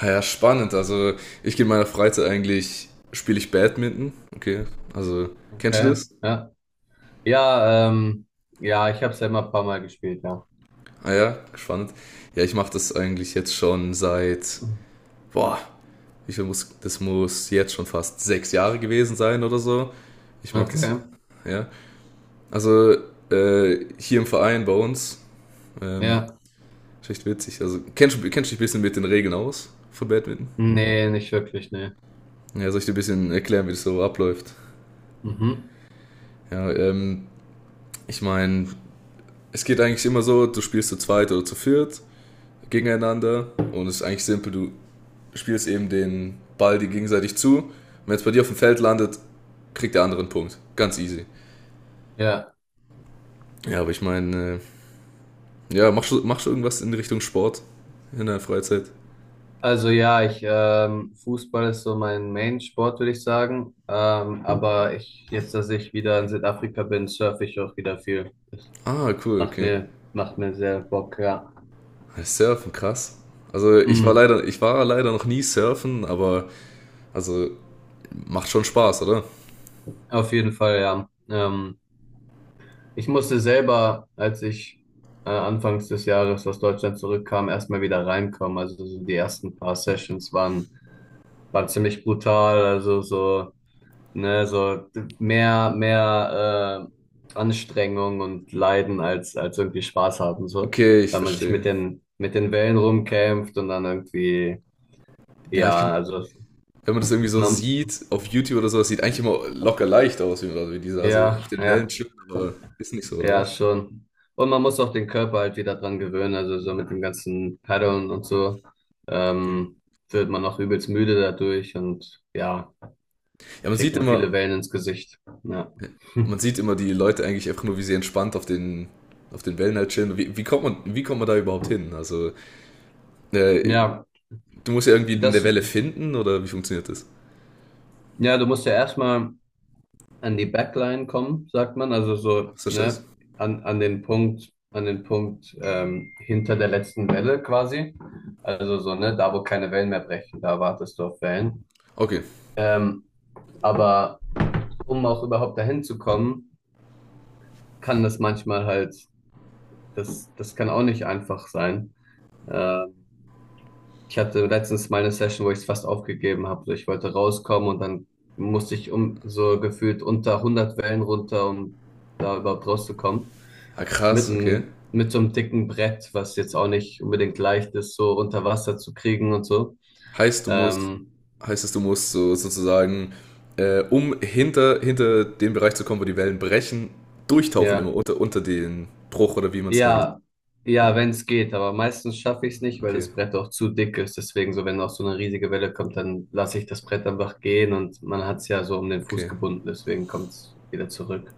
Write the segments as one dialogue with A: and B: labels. A: Ja, ja, spannend. Also ich gehe in meiner Freizeit eigentlich, spiele ich Badminton. Okay, also kennst du
B: Okay,
A: das?
B: ja. Ja, ja, ich habe es selber ein paar Mal gespielt, ja.
A: Ah ja, spannend. Ja, ich mache das eigentlich jetzt schon seit, boah, ich muss, das muss jetzt schon fast 6 Jahre gewesen sein oder so. Ich mache das,
B: Okay,
A: ja. Also hier im Verein bei uns, ähm,
B: ja.
A: ist echt witzig. Also kennst du dich ein bisschen mit den Regeln aus von Badminton?
B: Nee, nicht wirklich, nee.
A: Ja, soll ich dir ein bisschen erklären, wie das so abläuft?
B: Mhm.
A: Ja, ich meine, es geht eigentlich immer so, du spielst zu zweit oder zu viert gegeneinander und es ist eigentlich simpel, du spielst eben den Ball die gegenseitig zu. Wenn es bei dir auf dem Feld landet, kriegt der andere einen Punkt. Ganz easy.
B: Ja,
A: Ja, aber ich meine, ja, machst du irgendwas in Richtung Sport in der Freizeit?
B: also ja, ich, Fußball ist so mein Main-Sport, würde ich sagen. Aber ich, jetzt, dass ich wieder in Südafrika bin, surfe ich auch wieder viel. Das
A: Ah, cool, okay.
B: macht mir sehr Bock, ja.
A: Surfen, krass. Also
B: Mhm.
A: ich war leider noch nie surfen, aber also macht schon Spaß, oder?
B: Auf jeden Fall, ja. Ich musste selber, als ich anfangs des Jahres aus Deutschland zurückkam, erstmal wieder reinkommen. Also so die ersten paar Sessions waren, waren ziemlich brutal. Also so, ne, so mehr Anstrengung und Leiden als, als irgendwie Spaß haben, so,
A: Okay, ich
B: weil man sich
A: verstehe.
B: mit den Wellen rumkämpft und dann irgendwie,
A: Ja, ich
B: ja,
A: könnte,
B: also
A: wenn man das irgendwie so
B: man,
A: sieht, auf YouTube oder so, das sieht eigentlich immer locker leicht aus, wie, also wie die da so
B: ja,
A: auf den Wellen
B: ja.
A: chippen, aber ist nicht so, oder
B: Ja,
A: was?
B: schon. Und man muss auch den Körper halt wieder dran gewöhnen. Also so mit dem ganzen Paddeln und so
A: Okay.
B: ähm, wird man auch übelst müde dadurch und ja,
A: Ja, man
B: kriegt
A: sieht
B: man viele
A: immer,
B: Wellen ins Gesicht. Ja.
A: man sieht immer die Leute eigentlich einfach nur, wie sie entspannt auf den Wellen halt chillen. Wie kommt man da überhaupt hin? Also, äh,
B: Ja,
A: du musst ja irgendwie in der
B: das,
A: Welle finden, oder wie funktioniert das?
B: ja, du musst ja erstmal an die Backline kommen, sagt man. Also so,
A: Ist das das?
B: ne, an, an den Punkt hinter der letzten Welle quasi. Also so, ne, da wo keine Wellen mehr brechen, da wartest du auf Wellen.
A: Okay.
B: Ähm, aber um auch überhaupt dahin zu kommen, kann das manchmal halt, das, das kann auch nicht einfach sein. Ähm, Ich hatte letztens mal eine Session, wo ich es fast aufgegeben habe. So, ich wollte rauskommen und dann musste ich um so gefühlt unter 100 Wellen runter, um da überhaupt rauszukommen.
A: Ah,
B: Mit,
A: krass, okay.
B: mit so einem dicken Brett, was jetzt auch nicht unbedingt leicht ist, so unter Wasser zu kriegen und so.
A: Heißt, du musst,
B: Ähm,
A: heißt es, du musst so, sozusagen, um hinter den Bereich zu kommen, wo die Wellen brechen, durchtauchen immer
B: ja.
A: unter den Bruch oder wie man es nennt.
B: Ja, ja, wenn es geht, aber meistens schaffe ich es nicht, weil
A: Okay,
B: das Brett auch zu dick ist. Deswegen, so wenn auch so eine riesige Welle kommt, dann lasse ich das Brett einfach gehen und man hat es ja so um den Fuß
A: okay.
B: gebunden, deswegen kommt es wieder zurück.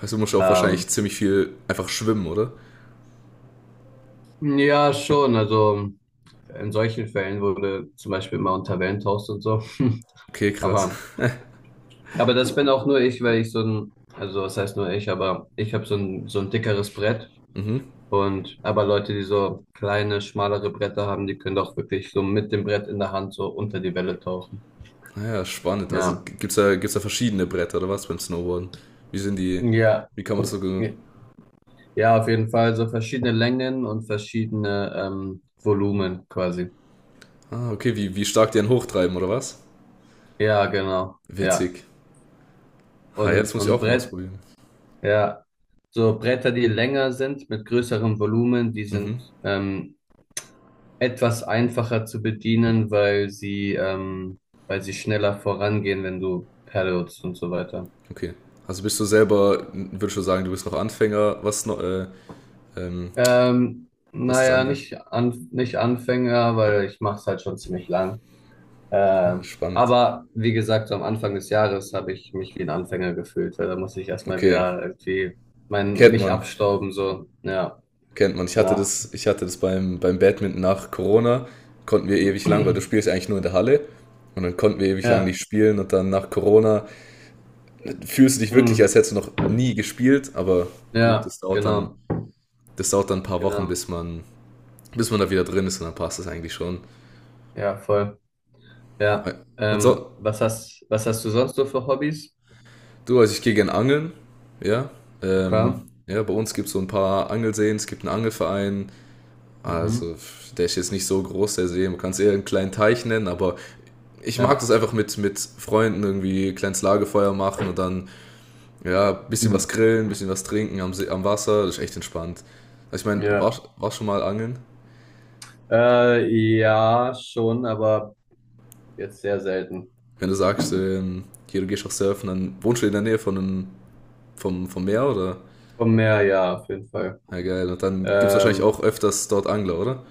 A: Heißt, du musst auch wahrscheinlich
B: Ähm,
A: ziemlich viel einfach schwimmen, oder?
B: ja, schon. Also in solchen Fällen wurde zum Beispiel immer unter Wellen Wellentoast und so.
A: Okay, krass.
B: Aber, aber das bin auch nur ich, weil ich so ein, also was heißt nur ich, aber ich habe so ein dickeres Brett.
A: Mhm.
B: Und aber Leute, die so kleine, schmalere Bretter haben, die können doch wirklich so mit dem Brett in der Hand so unter die Welle tauchen.
A: Naja, spannend. Also
B: Ja.
A: gibt's da verschiedene Bretter oder was beim Snowboarden? Wie sind die,
B: Ja.
A: wie kann man das so, ge-
B: Ja, auf jeden Fall so verschiedene Längen und verschiedene Volumen quasi.
A: ah, okay, wie, wie stark die einen hochtreiben oder was?
B: Ja, genau. Ja.
A: Witzig. Ah, ja, das muss ich
B: Und
A: auch mal
B: Brett,
A: ausprobieren.
B: ja. So Bretter, die länger sind, mit größerem Volumen, die
A: Mhm.
B: sind etwas einfacher zu bedienen, weil sie schneller vorangehen, wenn du paddelst und so weiter.
A: Okay. Also bist du selber, würdest schon sagen, du bist noch Anfänger, was noch, ähm, was das
B: Naja,
A: angeht?
B: nicht, an, nicht Anfänger, weil ich mache es halt schon ziemlich lang.
A: Spannend.
B: Aber wie gesagt, so am Anfang des Jahres habe ich mich wie ein Anfänger gefühlt, weil da muss ich erstmal
A: Okay.
B: wieder irgendwie mein,
A: Kennt
B: mich
A: man.
B: abstauben, so. Ja,
A: Kennt man.
B: genau.
A: Ich hatte das beim, beim Badminton nach Corona, konnten wir ewig lang, weil du spielst eigentlich nur in der Halle. Und dann konnten wir ewig lang
B: Ja,
A: nicht spielen und dann nach Corona fühlst du dich wirklich,
B: mm,
A: als hättest du noch nie gespielt, aber gut,
B: ja, genau,
A: das dauert dann ein paar Wochen,
B: genau.
A: bis man da wieder drin ist und dann passt das eigentlich schon.
B: Ja, voll. Ja.
A: Und so,
B: Was hast, was hast du sonst so für Hobbys?
A: du, also ich gehe gern angeln, ja. Ähm,
B: Okay.
A: ja, bei uns gibt es so ein paar Angelseen, es gibt einen Angelverein, also
B: Mhm.
A: der ist jetzt nicht so groß, der See, man kann es eher einen kleinen Teich nennen, aber ich mag
B: Ja.
A: das einfach mit Freunden irgendwie kleines Lagerfeuer machen und dann, ja, bisschen
B: Hm.
A: was grillen, bisschen was trinken am, See, am Wasser, das ist echt entspannt. Also ich meine, war,
B: Ja.
A: war schon mal angeln?
B: Ja, schon, aber. Jetzt sehr selten.
A: Wenn du sagst, hier, du gehst auch surfen, dann wohnst du in der Nähe von einem, vom, vom Meer, oder?
B: Vom Meer, ja, auf jeden Fall.
A: Ja, geil. Und dann gibt es wahrscheinlich auch
B: Ähm,
A: öfters dort Angler, oder?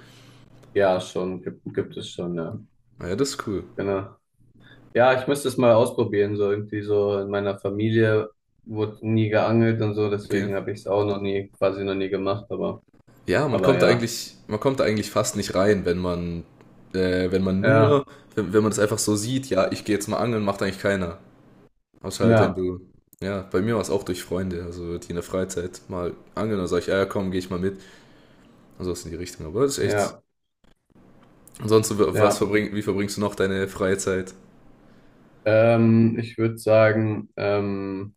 B: ja, schon, gibt, gibt es schon, ja.
A: Ah ja, das ist cool.
B: Genau. Ja, ich müsste es mal ausprobieren, so irgendwie so in meiner Familie wurde nie geangelt und so,
A: Okay.
B: deswegen habe ich es auch noch nie, quasi noch nie gemacht, aber ja.
A: Man kommt da eigentlich fast nicht rein, wenn man, wenn man nur,
B: Ja,
A: wenn, wenn man das einfach so sieht, ja, ich gehe jetzt mal angeln, macht eigentlich keiner. Außer halt, wenn
B: ja,
A: du, ja, bei mir war es auch durch Freunde, also die in der Freizeit mal angeln, dann sag ich, ah, ja, komm, gehe ich mal mit. Und sowas in die Richtung. Aber das ist echt.
B: ja,
A: Ansonsten,
B: ja.
A: wie verbringst du noch deine freie Zeit?
B: Ich würde sagen,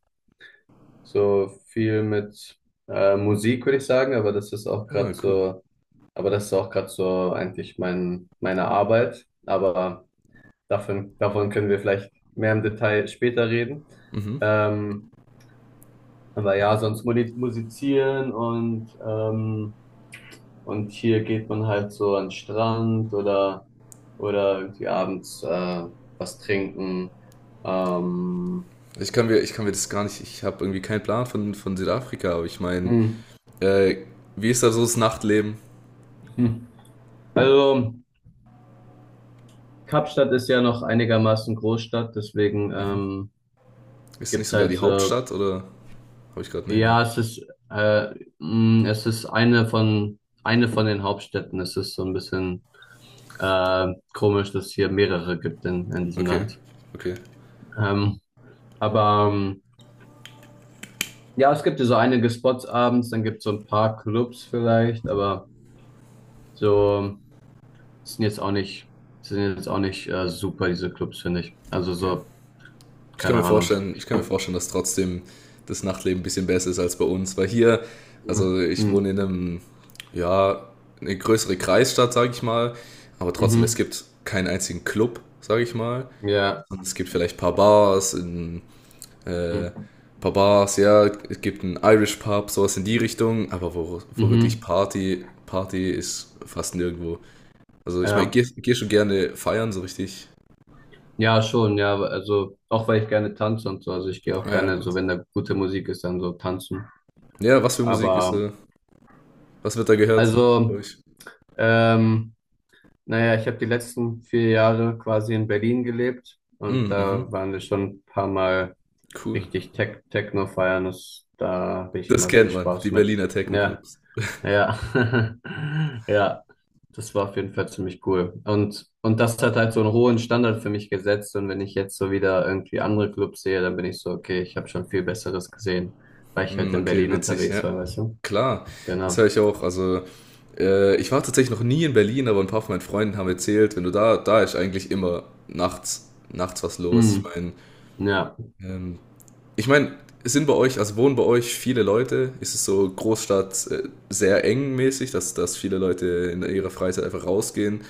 B: so viel mit Musik würde ich sagen, aber das ist auch
A: Ah,
B: gerade
A: cool.
B: so, aber das ist auch gerade so eigentlich mein, meine Arbeit, aber davon, davon können wir vielleicht mehr im Detail später reden.
A: Mhm.
B: Ähm, aber ja, sonst musizieren und hier geht man halt so an den Strand oder irgendwie abends was trinken. Ähm,
A: Ich kann mir das gar nicht, ich habe irgendwie keinen Plan von Südafrika, aber ich meine,
B: hm,
A: äh, wie ist da so das Nachtleben?
B: hm. Also Kapstadt ist ja noch einigermaßen Großstadt, deswegen
A: Ist es nicht
B: gibt's
A: sogar
B: halt
A: die
B: so,
A: Hauptstadt oder? Habe ich gerade einen Hänger.
B: ja, es ist, es ist eine von den Hauptstädten. Es ist so ein bisschen Äh, komisch, dass es hier mehrere gibt in diesem
A: Okay,
B: Land.
A: okay,
B: Ähm, aber ja, es gibt ja so einige Spots abends, dann gibt es so ein paar Clubs vielleicht, aber so sind jetzt auch nicht, sind jetzt auch nicht super, diese Clubs, finde ich. Also
A: ja.
B: so, keine Ahnung.
A: Ich kann mir vorstellen, dass trotzdem das Nachtleben ein bisschen besser ist als bei uns, weil hier,
B: Mhm.
A: also ich wohne
B: Mhm.
A: in einem, ja, eine größere Kreisstadt, sage ich mal, aber trotzdem, es
B: Mhm.
A: gibt keinen einzigen Club, sage ich mal.
B: Ja.
A: Und es gibt vielleicht ein äh,
B: Mhm.
A: paar Bars, ja, es gibt einen Irish Pub, sowas in die Richtung, aber wo, wo wirklich
B: Mhm.
A: Party, Party ist fast nirgendwo. Also ich meine, ich
B: Ja.
A: gehe geh schon gerne feiern, so richtig.
B: Ja, schon, ja. Also auch weil ich gerne tanze und so. Also ich gehe auch
A: Ja,
B: gerne, so
A: gut.
B: wenn da gute Musik ist, dann so tanzen.
A: Ja, was für Musik ist
B: Aber
A: da? Was wird da gehört, bei
B: also,
A: euch?
B: ähm, naja, ich habe die letzten 4 Jahre quasi in Berlin gelebt und
A: Mm,
B: da
A: mhm.
B: waren wir schon ein paar Mal
A: Cool.
B: richtig Techno feiern. Das, da habe ich
A: Das
B: immer
A: kennt
B: viel
A: man, die
B: Spaß mit.
A: Berliner
B: Ja,
A: Techno-Clubs.
B: ja, ja. Das war auf jeden Fall ziemlich cool. Und das hat halt so einen hohen Standard für mich gesetzt. Und wenn ich jetzt so wieder irgendwie andere Clubs sehe, dann bin ich so, okay, ich habe schon viel Besseres gesehen, weil ich halt
A: Mm,
B: in
A: okay,
B: Berlin
A: witzig,
B: unterwegs
A: ja.
B: war, weißt du?
A: Klar, das höre
B: Genau.
A: ich auch. Also, ich war tatsächlich noch nie in Berlin, aber ein paar von meinen Freunden haben erzählt, wenn du da, da ist eigentlich immer nachts, nachts was los.
B: Hm, ja.
A: Ähm, ich meine, sind bei euch, also wohnen bei euch viele Leute? Ist es so Großstadt sehr eng mäßig, dass, dass viele Leute in ihrer Freizeit einfach rausgehen?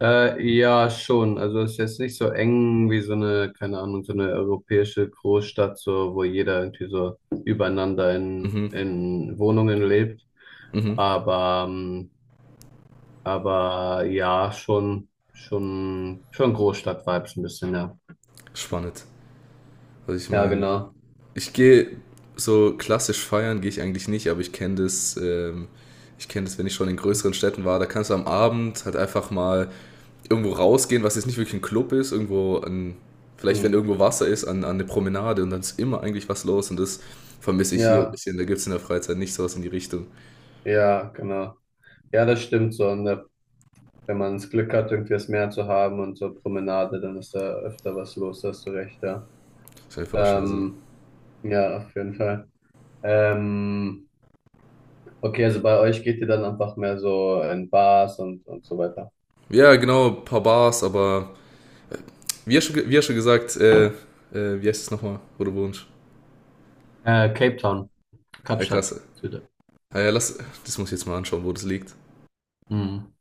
B: Ja, schon. Also es ist jetzt nicht so eng wie so eine, keine Ahnung, so eine europäische Großstadt, so wo jeder irgendwie so übereinander
A: Mhm,
B: in Wohnungen lebt.
A: mhm.
B: Aber aber ja, schon, schon, schon Großstadt-Vibes ein bisschen, ja.
A: Spannend. Also ich
B: Ja,
A: meine,
B: genau.
A: ich gehe so klassisch feiern gehe ich eigentlich nicht, aber ich kenne das, wenn ich schon in größeren Städten war, da kannst du am Abend halt einfach mal irgendwo rausgehen, was jetzt nicht wirklich ein Club ist, irgendwo an, vielleicht wenn
B: Hm.
A: irgendwo Wasser ist, an, an eine Promenade und dann ist immer eigentlich was los und das vermisse ich hier ein
B: Ja,
A: bisschen. Da gibt es in der Freizeit nicht sowas in die Richtung.
B: ja, genau. Ja, das stimmt so. Wenn man das Glück hat, irgendwie das Meer zu haben und so Promenade, dann ist da öfter was los, da hast du recht, ja.
A: Ist einfach schon, also.
B: Ähm, ja, auf jeden Fall. Ähm, okay, also bei euch geht ihr dann einfach mehr so in Bars und so weiter.
A: Ja, genau, ein paar Bars, aber wie ja schon gesagt, wie heißt es nochmal, wo du wohnst?
B: Cape Town,
A: Herr
B: Kapstadt,
A: krass.
B: Süde.
A: Ah ja, lass, das muss ich jetzt mal anschauen, wo das liegt.
B: Mhm.